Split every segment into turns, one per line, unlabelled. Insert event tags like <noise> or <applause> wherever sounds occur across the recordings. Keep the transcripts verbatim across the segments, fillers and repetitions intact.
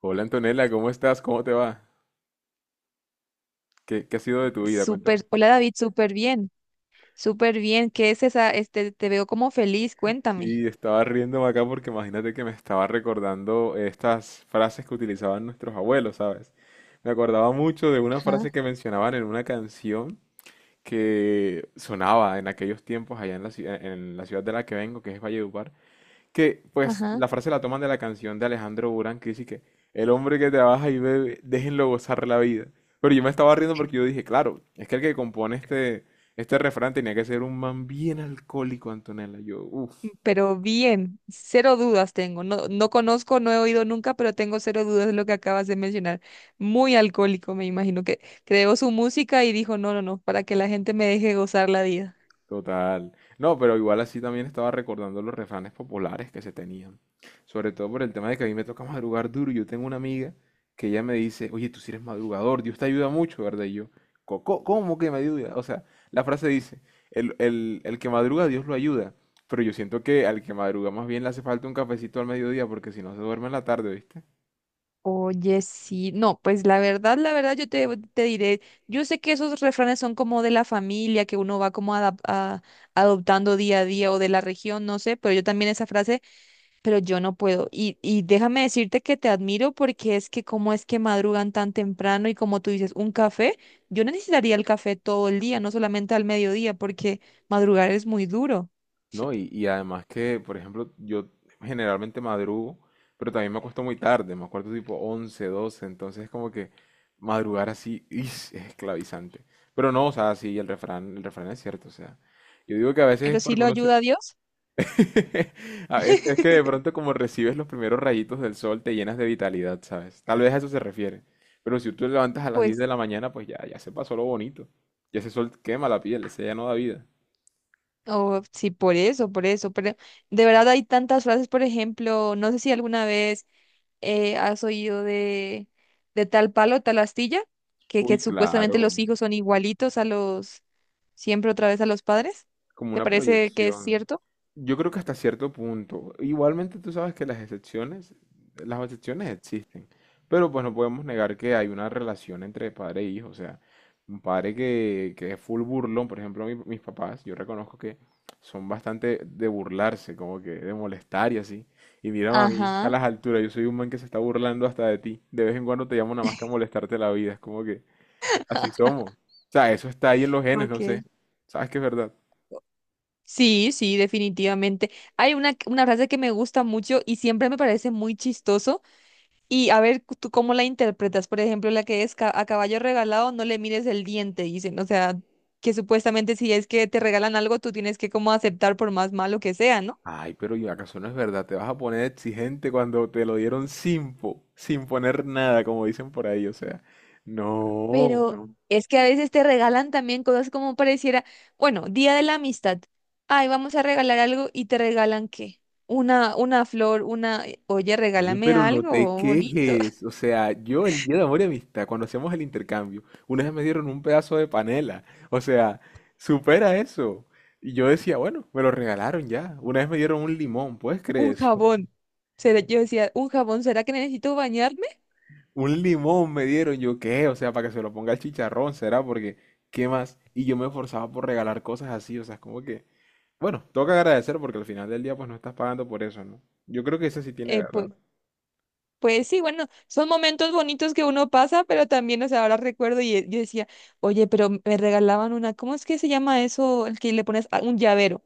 Hola Antonella, ¿cómo estás? ¿Cómo te va? ¿Qué, qué ha sido de tu vida? Cuéntame.
Súper, hola David, súper bien, súper bien. ¿Qué es esa? Este, te veo como feliz, cuéntame.
Sí, estaba riéndome acá porque imagínate que me estaba recordando estas frases que utilizaban nuestros abuelos, ¿sabes? Me acordaba mucho de una
Ajá,
frase que mencionaban en una canción que sonaba en aquellos tiempos allá en la, ci- en la ciudad de la que vengo, que es Valledupar, que pues
ajá.
la frase la toman de la canción de Alejandro Burán que dice que el hombre que trabaja y bebe, déjenlo gozar la vida. Pero yo me estaba riendo porque yo dije, claro, es que el que compone este, este refrán tenía que ser un man bien alcohólico, Antonella. Yo,
Mm,
uff,
pero bien, cero dudas tengo. No, no conozco, no he oído nunca, pero tengo cero dudas de lo que acabas de mencionar. Muy alcohólico, me imagino que creó su música y dijo, no, no, no, para que la gente me deje gozar la vida.
total. No, pero igual así también estaba recordando los refranes populares que se tenían. Sobre todo por el tema de que a mí me toca madrugar duro. Yo tengo una amiga que ella me dice, oye, tú sí eres madrugador, Dios te ayuda mucho, ¿verdad? Y yo, "Co- co- ¿cómo que me ayuda? O sea, la frase dice, el, el- el que madruga, Dios lo ayuda". Pero yo siento que al que madruga más bien le hace falta un cafecito al mediodía porque si no se duerme en la tarde, ¿viste?
Oye, sí, no, pues la verdad, la verdad, yo te, te diré, yo sé que esos refranes son como de la familia, que uno va como adap- a- adoptando día a día o de la región, no sé, pero yo también esa frase, pero yo no puedo. Y, y déjame decirte que te admiro porque es que cómo es que madrugan tan temprano y como tú dices, un café, yo no necesitaría el café todo el día, no solamente al mediodía, porque madrugar es muy duro,
No, y,
<laughs>
y además que, por ejemplo, yo generalmente madrugo, pero también me acuesto muy tarde, me acuerdo tipo once doce, entonces es como que madrugar así ¡is! Es esclavizante. Pero no, o sea, sí, el refrán, el refrán es cierto, o sea, yo digo que a veces es
pero sí
porque
lo
uno se...
ayuda a Dios.
<laughs> Ah, es, es que de
<laughs>
pronto como recibes los primeros rayitos del sol te llenas de vitalidad, ¿sabes? Tal vez a eso se refiere. Pero si tú te levantas a las diez
Pues.
de la mañana, pues ya, ya se pasó lo bonito. Ya ese sol quema la piel, ese ya no da vida.
Oh, sí, por eso, por eso, pero de verdad hay tantas frases, por ejemplo, no sé si alguna vez eh, has oído de, de tal palo, tal astilla, que, que
Uy,
supuestamente los
claro,
hijos son igualitos a los, siempre otra vez a los padres.
como
¿Te
una
parece que es
proyección.
cierto?
Yo creo que hasta cierto punto. Igualmente tú sabes que las excepciones, las excepciones existen, pero pues no podemos negar que hay una relación entre padre e hijo. O sea, un padre que, que es full burlón, por ejemplo, mi- mis papás, yo reconozco que son bastante de burlarse, como que de molestar y así. Y mírame a mí, a
Ajá.
las alturas, yo soy un man que se está burlando hasta de ti. De vez en cuando te llamo nada más que a molestarte la vida, es como que así somos. O sea, eso está ahí en los genes, no
Okay.
sé. ¿Sabes que es verdad?
Sí, sí, definitivamente. Hay una, una frase que me gusta mucho y siempre me parece muy chistoso. Y a ver, cu- ¿tú cómo la interpretas? Por ejemplo, la que es ca- a caballo regalado, no le mires el diente, dicen. O sea, que supuestamente si es que te regalan algo, tú tienes que como aceptar por más malo que sea, ¿no?
Ay, pero ¿y acaso no es verdad? Te vas a poner exigente cuando te lo dieron sin, po- sin poner nada, como dicen por ahí, o sea. No.
Pero no, es que a veces te regalan también cosas como pareciera, bueno, Día de la Amistad. Ay, vamos a regalar algo y te regalan, ¿qué? Una, una flor, una, eh, oye,
Oye,
regálame
pero no te
algo bonito,
quejes.
<laughs>
O sea, yo el día de amor y amistad, cuando hacíamos el intercambio, una vez me dieron un pedazo de panela. O sea, supera eso. Y yo decía, bueno, me lo regalaron ya. Una vez me dieron un limón, ¿puedes creer
un
eso? <laughs>
jabón. Será- Yo decía, ¿un jabón? ¿Será que necesito bañarme?
Un limón me dieron, yo qué, o sea, para que se lo ponga el chicharrón, será porque, ¿qué más? Y yo me esforzaba por regalar cosas así, o sea, es como que... Bueno, tengo que agradecer porque al final del día pues no estás pagando por eso, ¿no? Yo creo que eso sí tiene
Eh,
verdad.
pues Pues sí, bueno, son momentos bonitos que uno pasa, pero también, o sea, ahora recuerdo y eh, yo decía, oye, pero me regalaban una, ¿cómo es que se llama eso? El que le pones a- un llavero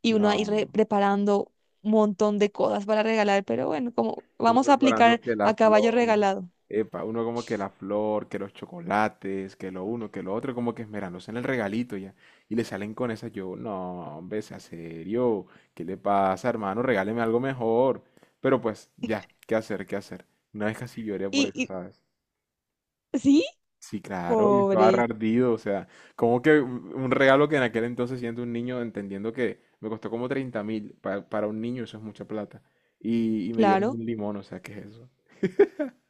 y uno ahí re-
No,
preparando un montón de cosas para regalar, pero bueno, como
uno
vamos a
preparando
aplicar
que la
a caballo
flor,
regalado.
epa, uno como que la flor, que los chocolates, que lo uno, que lo otro, como que esmerándose en el regalito ya. Y le salen con esa, yo, no, hombre, sea serio, ¿qué le pasa, hermano? Regáleme algo mejor. Pero pues, ya, ¿qué hacer, qué hacer? Una vez casi lloré por
Y,
eso,
y
¿sabes?
sí,
Sí, claro, yo estaba re
pobre,
ardido, o sea, como que un un regalo que en aquel entonces siendo un niño, entendiendo que me costó como treinta mil, para, para un niño eso es mucha plata, y, y me dieron
claro.
un limón, o sea, ¿qué es eso?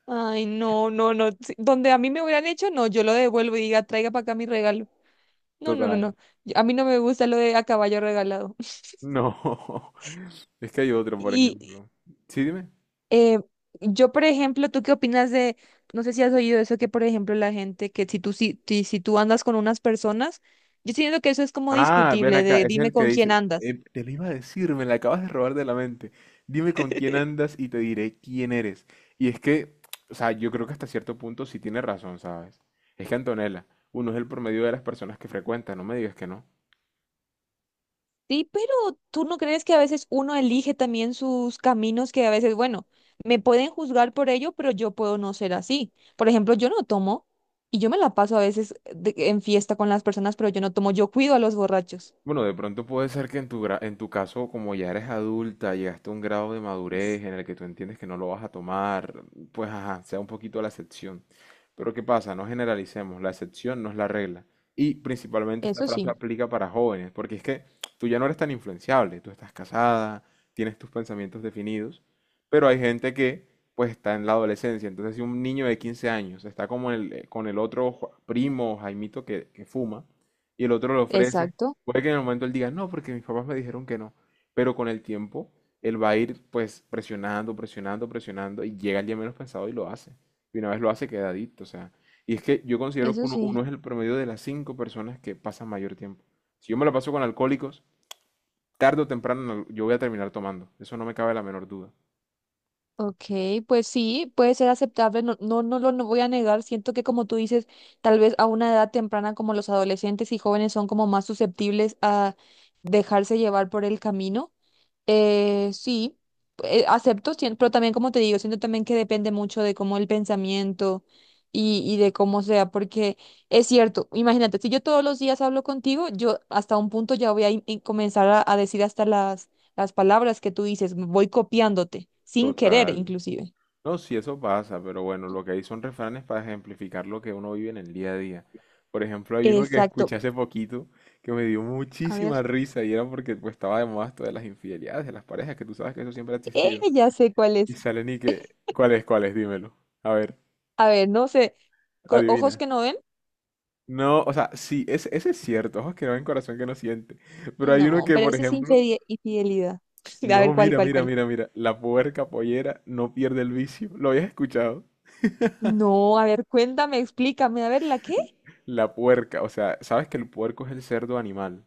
Ay, no, no, no, sí, donde a mí me hubieran hecho, no, yo lo devuelvo y diga, traiga para acá mi regalo. No, no, no,
Total.
no. yo- A mí no me gusta lo de a caballo regalado.
No, <laughs> es que hay otro, por
<laughs> Y,
ejemplo. Sí, dime.
Eh, yo, por ejemplo, ¿tú qué opinas de, no sé si has oído eso, que por ejemplo la gente, que si tú, si, si, si tú andas con unas personas, yo siento que eso es como
Ah, ven
discutible,
acá,
de
ese es
dime
el que
con quién
dice,
andas.
eh, te lo iba a decir, me la acabas de robar de la mente. Dime con quién
<laughs>
andas y te diré quién eres. Y es que, o sea, yo creo que hasta cierto punto sí tiene razón, ¿sabes? Es que Antonella, uno es el promedio de las personas que frecuenta, no me digas que no.
Sí, pero ¿tú no crees que a veces uno elige también sus caminos que a veces, bueno, me pueden juzgar por ello, pero yo puedo no ser así? Por ejemplo, yo no tomo y yo me la paso a veces de- en fiesta con las personas, pero yo no tomo, yo cuido a los borrachos.
Bueno, de pronto puede ser que en tu, gra- en tu caso, como ya eres adulta, llegaste a un grado de madurez en el que tú entiendes que no lo vas a tomar, pues ajá, sea un poquito la excepción. Pero ¿qué pasa? No generalicemos, la excepción no es la regla. Y principalmente esta
Eso
frase
sí,
aplica para jóvenes, porque es que tú ya no eres tan influenciable, tú estás casada, tienes tus pensamientos definidos, pero hay gente que pues está en la adolescencia. Entonces, si un niño de quince años está como el- eh, con el otro jo- primo, Jaimito, que, que fuma, y el otro le ofrece...
exacto,
Puede que en el momento él diga, no, porque mis papás me dijeron que no. Pero con el tiempo, él va a ir pues presionando, presionando, presionando y llega el día menos pensado y lo hace. Y una vez lo hace, queda adicto. O sea, y es que yo considero que
eso
uno, uno
sí.
es el promedio de las cinco personas que pasan mayor tiempo. Si yo me lo paso con alcohólicos, tarde o temprano en al- yo voy a terminar tomando. Eso no me cabe la menor duda.
Ok, pues sí, puede ser aceptable, no, no, no lo no voy a negar, siento que como tú dices, tal vez a una edad temprana como los adolescentes y jóvenes son como más susceptibles a dejarse llevar por el camino, eh, sí, eh, acepto, sien- pero también como te digo, siento también que depende mucho de cómo el pensamiento y, y de cómo sea, porque es cierto, imagínate, si yo todos los días hablo contigo, yo hasta un punto ya voy a in- in- comenzar a, a decir hasta las, las palabras que tú dices, voy copiándote, sin querer
Total.
inclusive.
No, sí, eso pasa, pero bueno, lo que hay son refranes para ejemplificar lo que uno vive en el día a día. Por ejemplo, hay uno que
Exacto.
escuché hace poquito que me dio
A ver,
muchísima risa y era porque pues, estaba de moda esto de las infidelidades de las parejas, que tú sabes que eso siempre ha
eh,
existido.
ya sé cuál
Y
es.
salen y que, ¿cuál es, ¿cuál es? Dímelo. A ver,
A ver, no sé, co- ojos
adivina.
que no ven,
No, o sea, sí, ese, ese es cierto, ojos que no ven, corazón que no siente. Pero hay uno
no,
que,
pero
por
ese es
ejemplo,
infide- infidelidad. <laughs> A
no,
ver, ¿cuál,
mira,
cuál,
mira,
cuál?
mira, mira, la puerca pollera no pierde el vicio. ¿Lo habías escuchado?
No, a ver, cuéntame, explícame, a ver, ¿la qué?
La puerca, o sea, sabes que el puerco es el cerdo animal.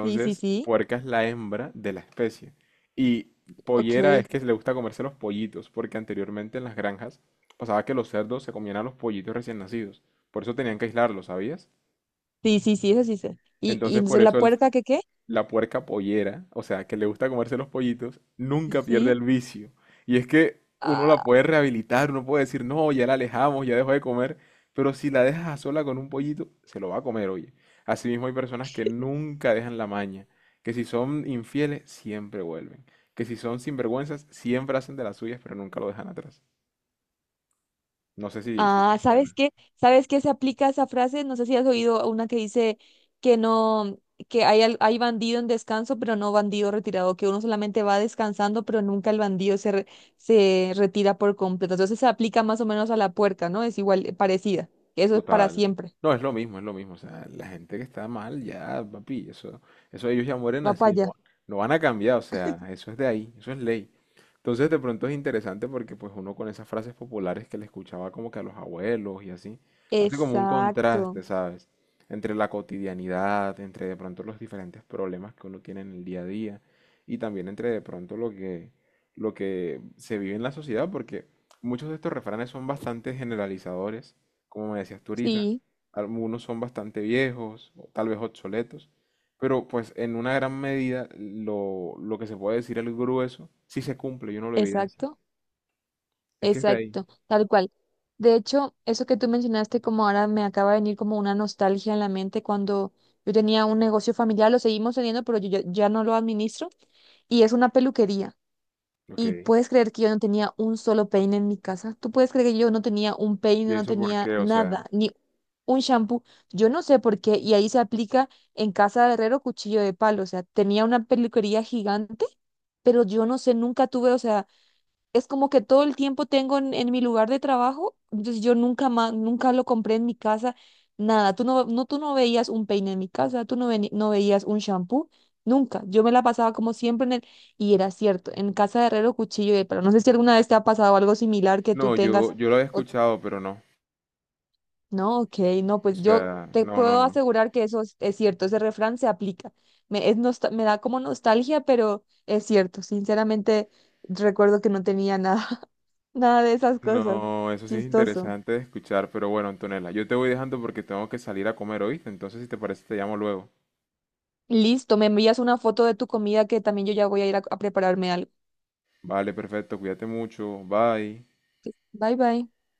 Sí, sí, sí,
puerca es la hembra de la especie. Y pollera
ok.
es que le gusta comerse los pollitos, porque anteriormente en las granjas pasaba que los cerdos se comían a los pollitos recién nacidos. Por eso tenían que aislarlos, ¿sabías?
Sí, sí, sí, eso sí sé. ¿Y, y
Entonces, por
entonces la
eso el,
puerca qué qué?
la puerca pollera, o sea, que le gusta comerse los pollitos, nunca pierde
Sí.
el vicio. Y es que uno la puede
Ah,
rehabilitar, uno puede decir, no, ya la alejamos, ya dejó de comer, pero si la dejas a sola con un pollito, se lo va a comer, oye. Asimismo hay personas que nunca dejan la maña, que si son infieles, siempre vuelven, que si son sinvergüenzas, siempre hacen de las suyas, pero nunca lo dejan atrás. No sé si, si te
ah, ¿sabes
suena.
qué? ¿Sabes qué se aplica esa frase? No sé si has oído una que dice que no, que hay, al- hay bandido en descanso, pero no bandido retirado, que uno solamente va descansando, pero nunca el bandido se, re- se retira por completo. Entonces se aplica más o menos a la puerca, ¿no? Es igual, eh, parecida. Eso es para
Total.
siempre.
No, es lo mismo, es lo mismo. O sea, la gente que está mal, ya, papi, eso, eso ellos ya mueren
Va para
así, no,
allá.
no van a cambiar, o sea, eso es de ahí, eso es ley. Entonces, de pronto es interesante porque pues uno con esas frases populares que le escuchaba como que a los abuelos y así, hace como un
Exacto.
contraste, ¿sabes? Entre la cotidianidad, entre de pronto los diferentes problemas que uno tiene en el día a día y también entre de pronto lo que, lo que se vive en la sociedad, porque muchos de estos refranes son bastante generalizadores como me decías tú ahorita.
Sí.
Algunos son bastante viejos, o tal vez obsoletos, pero pues en una gran medida lo, lo que se puede decir el grueso sí se cumple y uno lo evidencia.
Exacto,
Es que está ahí.
exacto, tal cual. De hecho, eso que tú mencionaste, como ahora me acaba de venir como una nostalgia en la mente cuando yo tenía un negocio familiar, lo seguimos teniendo, pero yo ya, ya no lo administro, y es una peluquería. Y
Ok.
puedes creer que yo no tenía un solo peine en mi casa. Tú puedes creer que yo no tenía un peine,
¿Y
no
eso por
tenía
qué? O sea,
nada, ni un shampoo. Yo no sé por qué, y ahí se aplica en casa de herrero cuchillo de palo. O sea, tenía una peluquería gigante, pero yo no sé, nunca tuve, o sea es como que todo el tiempo tengo en, en mi lugar de trabajo, entonces yo nunca más, nunca lo compré en mi casa, nada. Tú no, no, tú no veías un peine en mi casa, tú no, veni- no veías un shampoo, nunca. Yo me la pasaba como siempre en el, y era cierto, en casa de herrero, cuchillo de palo. No sé si alguna vez te ha pasado algo similar que tú
no, yo,
tengas,
yo lo había
o-
escuchado, pero no.
no, ok, no,
O
pues yo
sea,
te
no, no,
puedo
no.
asegurar que eso es, es cierto, ese refrán se aplica. Me, es nosta- me da como nostalgia, pero es cierto, sinceramente recuerdo que no tenía nada. Nada de esas cosas.
No, eso sí es
Chistoso.
interesante de escuchar, pero bueno, Antonella, yo te voy dejando porque tengo que salir a comer, ¿oíste? Entonces, si te parece, te llamo luego.
Listo, me envías una foto de tu comida que también yo ya voy a ir a a prepararme algo.
Vale, perfecto, cuídate mucho, bye.
Bye bye.